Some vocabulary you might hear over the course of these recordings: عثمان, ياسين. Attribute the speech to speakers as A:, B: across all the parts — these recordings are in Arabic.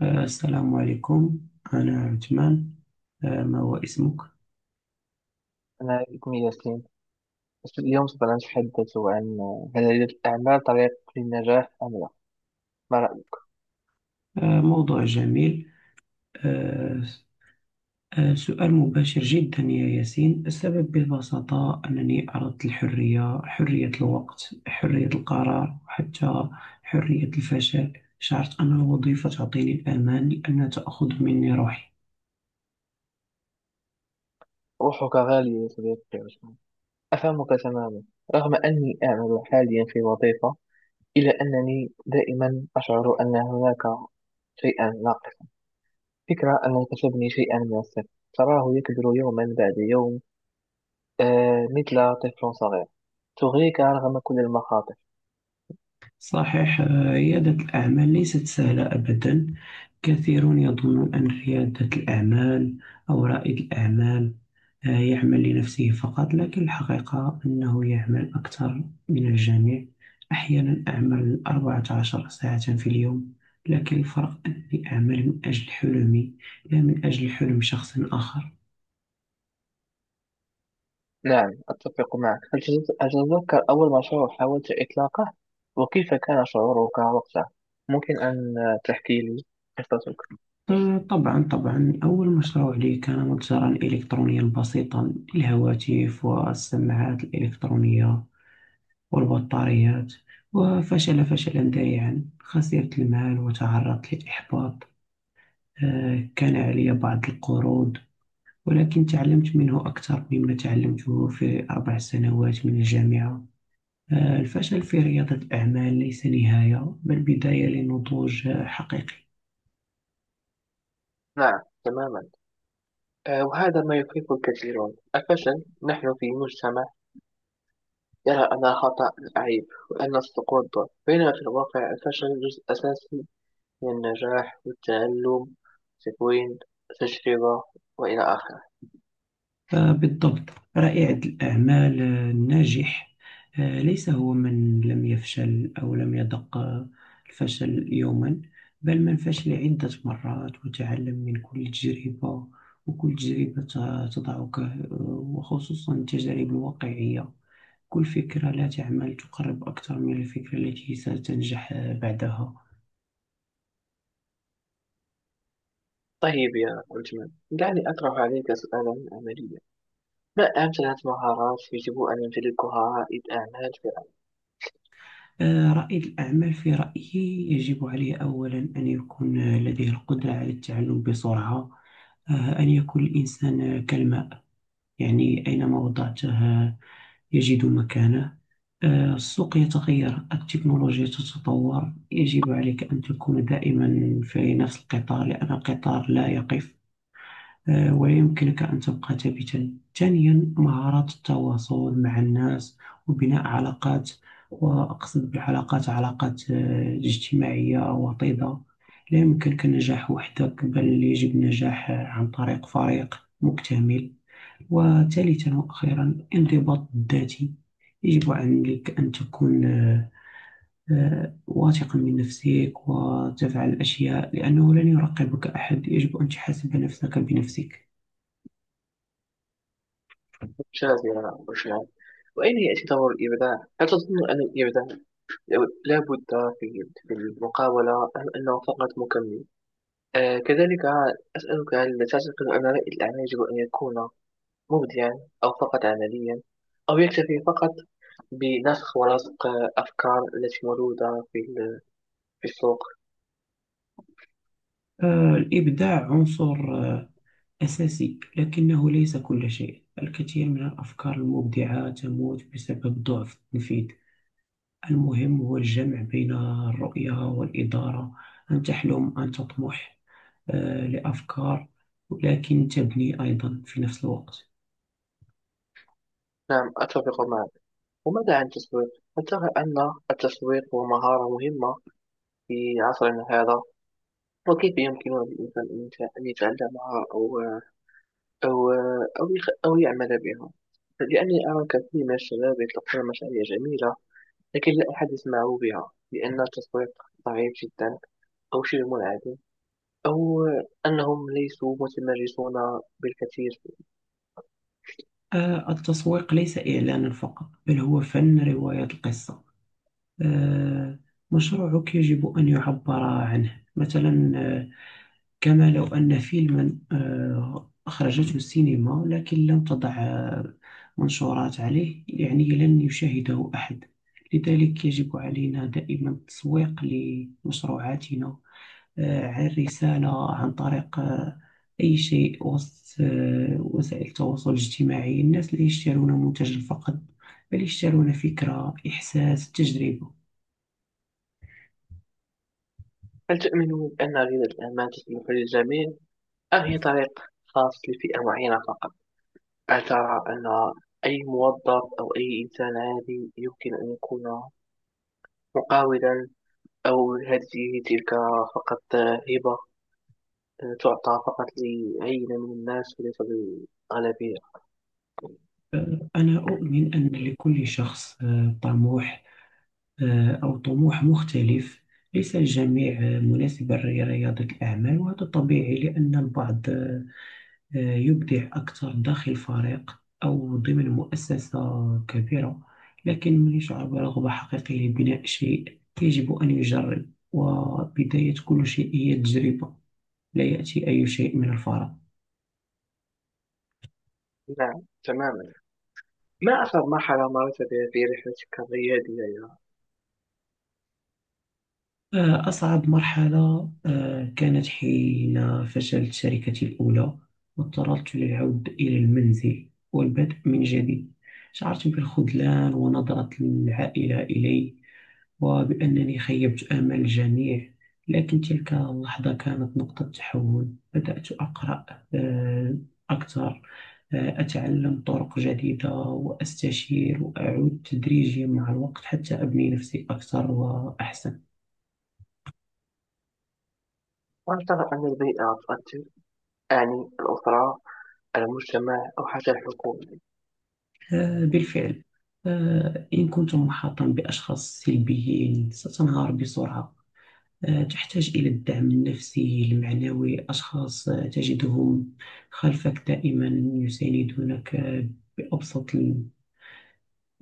A: السلام عليكم. أنا عثمان. ما هو اسمك؟
B: أنا اسمي ياسين. اليوم سوف نتحدث عن: هل للأعمال طريق للنجاح أم لا؟ ما رأيك؟
A: موضوع جميل. آه، سؤال مباشر جدا يا ياسين. السبب ببساطة أنني أردت الحرية، حرية الوقت، حرية القرار، وحتى حرية الفشل. شعرت أن الوظيفة تعطيني الأمان لأنها تأخذ مني روحي.
B: روحك غالية يا صديقي عثمان. أفهمك تماما. رغم أني أعمل حاليا في وظيفة، إلا أنني دائما أشعر أن هناك شيئا ناقصا. فكرة أن تبني شيئا من الصفر، تراه يكبر يوما بعد يوم، مثل طفل صغير، تغريك رغم كل المخاطر.
A: صحيح، ريادة الأعمال ليست سهلة أبدا. كثيرون يظنون أن ريادة الأعمال أو رائد الأعمال يعمل لنفسه فقط، لكن الحقيقة أنه يعمل أكثر من الجميع. أحيانا أعمل 14 ساعة في اليوم، لكن الفرق أني أعمل من أجل حلمي، لا من أجل حلم شخص آخر.
B: نعم، أتفق معك. هل تتذكر أول مشروع حاولت إطلاقه وكيف كان شعورك وقتها؟ ممكن أن تحكي لي قصتك؟
A: طبعا طبعا، أول مشروع لي كان متجرا إلكترونيا بسيطا للهواتف والسماعات الإلكترونية والبطاريات، وفشل فشلا ذريعا. خسرت المال وتعرضت للإحباط. كان علي بعض القروض، ولكن تعلمت منه أكثر مما تعلمته في أربع سنوات من الجامعة. الفشل في ريادة الأعمال ليس نهاية، بل بداية لنضوج حقيقي.
B: نعم، تماما. وهذا ما يخيف الكثيرون: الفشل. نحن في مجتمع يرى أن الخطأ عيب وأن السقوط ضعف، بينما في الواقع الفشل جزء أساسي من النجاح والتعلم، تكوين، تجربة، وإلى آخره.
A: بالضبط. رائد الأعمال الناجح ليس هو من لم يفشل أو لم يذق الفشل يوما، بل من فشل عدة مرات وتعلم من كل تجربة. وكل تجربة تضعك وخصوصا التجارب الواقعية. كل فكرة لا تعمل تقرب أكثر من الفكرة التي ستنجح بعدها.
B: طيب يا عثمان، دعني أطرح عليك سؤالا عمليا. لا، أهم 3 مهارات يجب أن يمتلكها رائد أعمال في العمل؟
A: رائد الأعمال في رأيي يجب عليه أولا أن يكون لديه القدرة على التعلم بسرعة. أن يكون الإنسان كالماء، يعني أينما وضعته آه، يجد مكانه. السوق يتغير، التكنولوجيا تتطور، يجب عليك أن تكون دائما في نفس القطار لأن القطار لا يقف ويمكنك أن تبقى ثابتا. ثانيا، مهارة التواصل مع الناس وبناء علاقات، وأقصد بعلاقات علاقات اجتماعية وطيدة. لا يمكنك النجاح وحدك، بل يجب النجاح عن طريق فريق مكتمل. وثالثا وأخيرا، انضباط ذاتي. يجب عليك أن تكون واثقا من نفسك وتفعل الأشياء، لأنه لن يراقبك أحد. يجب أن تحاسب نفسك بنفسك.
B: شاذرة وشاب. وأين يعتبر الإبداع؟ هل تظن أن الإبداع لا بد في المقاولة أم أنه فقط مكمل؟ كذلك أسألك، هل تعتقد أن رائد الأعمال يجب أن يكون مبدعا أو فقط عمليا، أو يكتفي فقط بنسخ ولصق أفكار التي موجودة في السوق؟
A: الإبداع عنصر أساسي، لكنه ليس كل شيء. الكثير من الأفكار المبدعة تموت بسبب ضعف التنفيذ. المهم هو الجمع بين الرؤية والإدارة، أن تحلم، أن تطمح لأفكار، ولكن تبني أيضا في نفس الوقت.
B: نعم، أتفق معك. وماذا عن التسويق؟ هل ترى أن التسويق هو مهارة مهمة في عصرنا هذا؟ وكيف يمكن للإنسان أن أن يتعلمها أو أو يعمل بها؟ لأني أرى كثير من الشباب يطلقون مشاريع جميلة، لكن لا أحد يسمع بها لأن التسويق ضعيف جدا، أو شبه منعدم، أو أنهم ليسوا متمرسون بالكثير.
A: التسويق ليس إعلانا فقط، بل هو فن رواية القصة. آه، مشروعك يجب أن يعبر عنه. مثلا كما لو أن فيلما أخرجته السينما، لكن لم تضع منشورات عليه، يعني لن يشاهده أحد. لذلك يجب علينا دائما التسويق لمشروعاتنا، عن رسالة، عن طريق أي شيء، وسط وسائل التواصل الاجتماعي. الناس لا يشترون منتجا فقط، بل يشترون فكرة، إحساس، تجربة.
B: هل تؤمنون أن ريادة الأعمال تصلح للجميع أم هي طريق خاص لفئة معينة فقط؟ هل ترى أن أي موظف أو أي إنسان عادي يمكن أن يكون محاولا، أو هذه تلك فقط هبة تعطى فقط لعينة من الناس وليس للغالبية؟
A: أنا أؤمن أن لكل شخص طموح أو طموح مختلف. ليس الجميع مناسبا لرياضة الأعمال، وهذا طبيعي لأن البعض يبدع أكثر داخل فريق أو ضمن مؤسسة كبيرة. لكن من يشعر برغبة حقيقية لبناء شيء يجب أن يجرب، وبداية كل شيء هي التجربة. لا يأتي أي شيء من الفراغ.
B: نعم، تماما. ما أكثر مرحلة مرت بها في رحلتك الريادية يا
A: أصعب مرحلة كانت حين فشلت شركتي الأولى واضطررت للعود إلى المنزل والبدء من جديد. شعرت بالخذلان ونظرة العائلة إلي، وبأنني خيبت آمال الجميع. لكن تلك اللحظة كانت نقطة تحول. بدأت أقرأ آه، أكثر، أتعلم طرق جديدة، وأستشير، وأعود تدريجيا مع الوقت حتى أبني نفسي أكثر وأحسن.
B: هل ترى أن البيئة تؤثر، يعني الأسرة، المجتمع، أو حتى الحكومة؟
A: بالفعل. إن كنت محاطا بأشخاص سلبيين ستنهار بسرعة. تحتاج إلى الدعم النفسي المعنوي، أشخاص تجدهم خلفك دائما، يساندونك بأبسط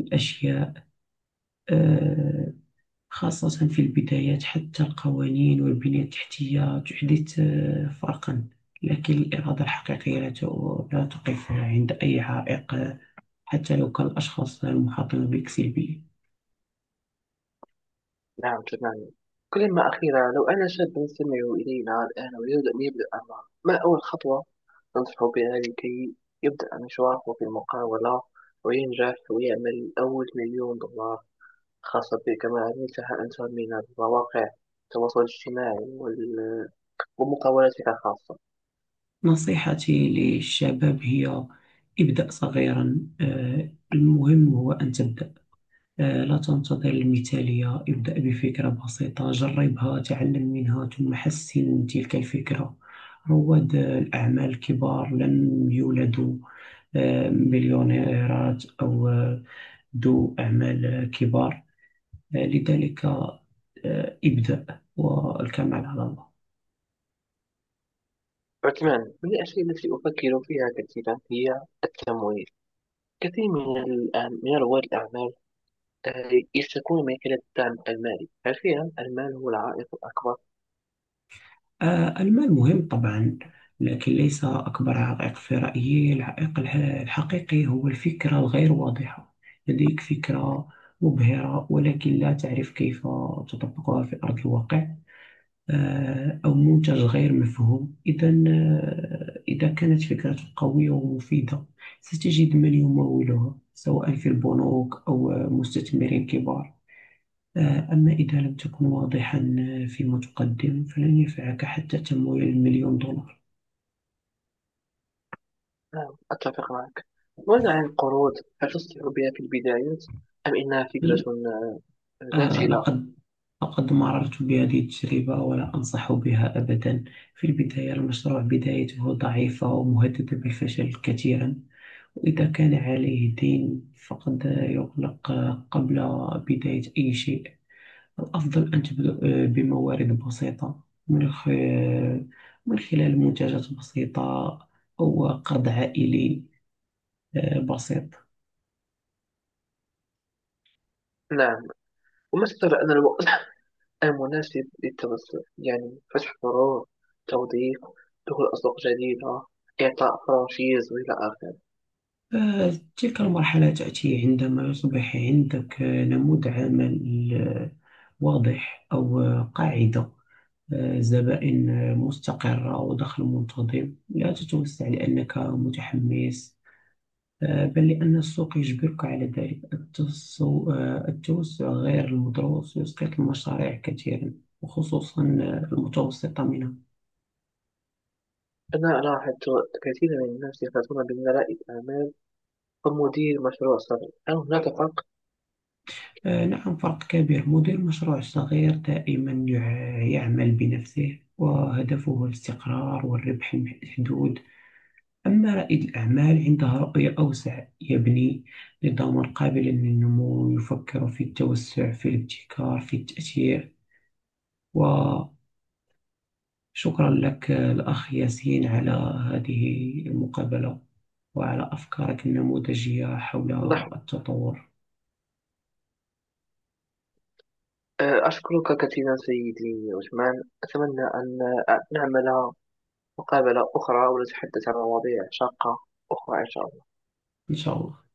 A: الأشياء، آه، خاصة في البدايات. حتى القوانين والبنية التحتية تحدث فرقا، لكن الإرادة الحقيقية لا تقف عند أي عائق، حتى لو كان الأشخاص المحاطين بك سلبيين.
B: نعم، تماما. كلمة أخيرة، لو أنا شاب يستمع إلينا الآن ويريد أن يبدأ أمره، ما أول خطوة أنصحه بها لكي يبدأ مشواره في المقاولة وينجح ويعمل أول مليون دولار خاصة بك كما عملتها أنت من مواقع التواصل الاجتماعي ومقاولاتك الخاصة.
A: نصيحتي للشباب هي: ابدأ صغيرا. المهم هو أن تبدأ. لا تنتظر المثالية، ابدأ بفكرة بسيطة، جربها، تعلم منها، ثم حسن من تلك الفكرة. رواد الأعمال الكبار لم يولدوا مليونيرات أو ذو أعمال كبار. لذلك ابدأ، والكمال على الله.
B: عثمان، من الأشياء التي أفكر فيها كثيرا هي التمويل. كثير من رواد الأعمال يشتكون من قلة الدعم المالي. حرفيا المال هو العائق الأكبر.
A: المال مهم طبعا، لكن ليس أكبر عائق في رأيي. العائق الحقيقي هو الفكرة الغير واضحة. لديك فكرة مبهرة ولكن لا تعرف كيف تطبقها في أرض الواقع، أو منتج غير مفهوم. إذا إذا كانت فكرتك قوية ومفيدة، ستجد من يمولها، سواء في البنوك أو مستثمرين كبار. أما إذا لم تكن واضحا فيما تقدم، فلن ينفعك حتى تمويل المليون دولار.
B: نعم، أتفق معك. ماذا عن القروض؟ هل تصلح بها في البداية أم إنها فكرة
A: آه،
B: ناتجة؟
A: لقد لقد مررت بهذه التجربة ولا أنصح بها أبدا. في البداية المشروع بدايته ضعيفة ومهددة بالفشل كثيرا، وإذا كان عليه دين فقد يغلق قبل بداية أي شيء. الأفضل أن تبدأ بموارد بسيطة، من خلال منتجات بسيطة، أو قرض عائلي بسيط.
B: نعم. ومثل أن الوقت المناسب للتوسع، يعني فتح فروع، توظيف، دخول أسواق جديدة، إعطاء فرانشيز، وإلى آخره.
A: تلك المرحلة تأتي عندما يصبح عندك نموذج عمل واضح، أو قاعدة زبائن مستقرة ودخل منتظم. لا تتوسع لأنك متحمس، بل لأن السوق يجبرك على ذلك. التوسع غير المدروس يسقط المشاريع كثيرا، وخصوصا المتوسطة منها.
B: أنا لاحظت كثيرا من الناس يفرطون بين رائد أعمال ومدير مشروع صغير، هل هناك فرق؟
A: نعم، فرق كبير. مدير مشروع صغير دائما يعمل بنفسه، وهدفه الاستقرار والربح المحدود. أما رائد الأعمال عنده رؤية أوسع، يبني نظاما قابلا للنمو، يفكر في التوسع، في الابتكار، في التأثير. وشكرا لك الأخ ياسين على هذه المقابلة وعلى أفكارك النموذجية حول
B: لاحظ-
A: التطور.
B: أشكرك كثيرا سيدي عثمان. أتمنى أن نعمل مقابلة أخرى ونتحدث عن مواضيع شاقة أخرى، إن شاء الله.
A: إن شاء الله.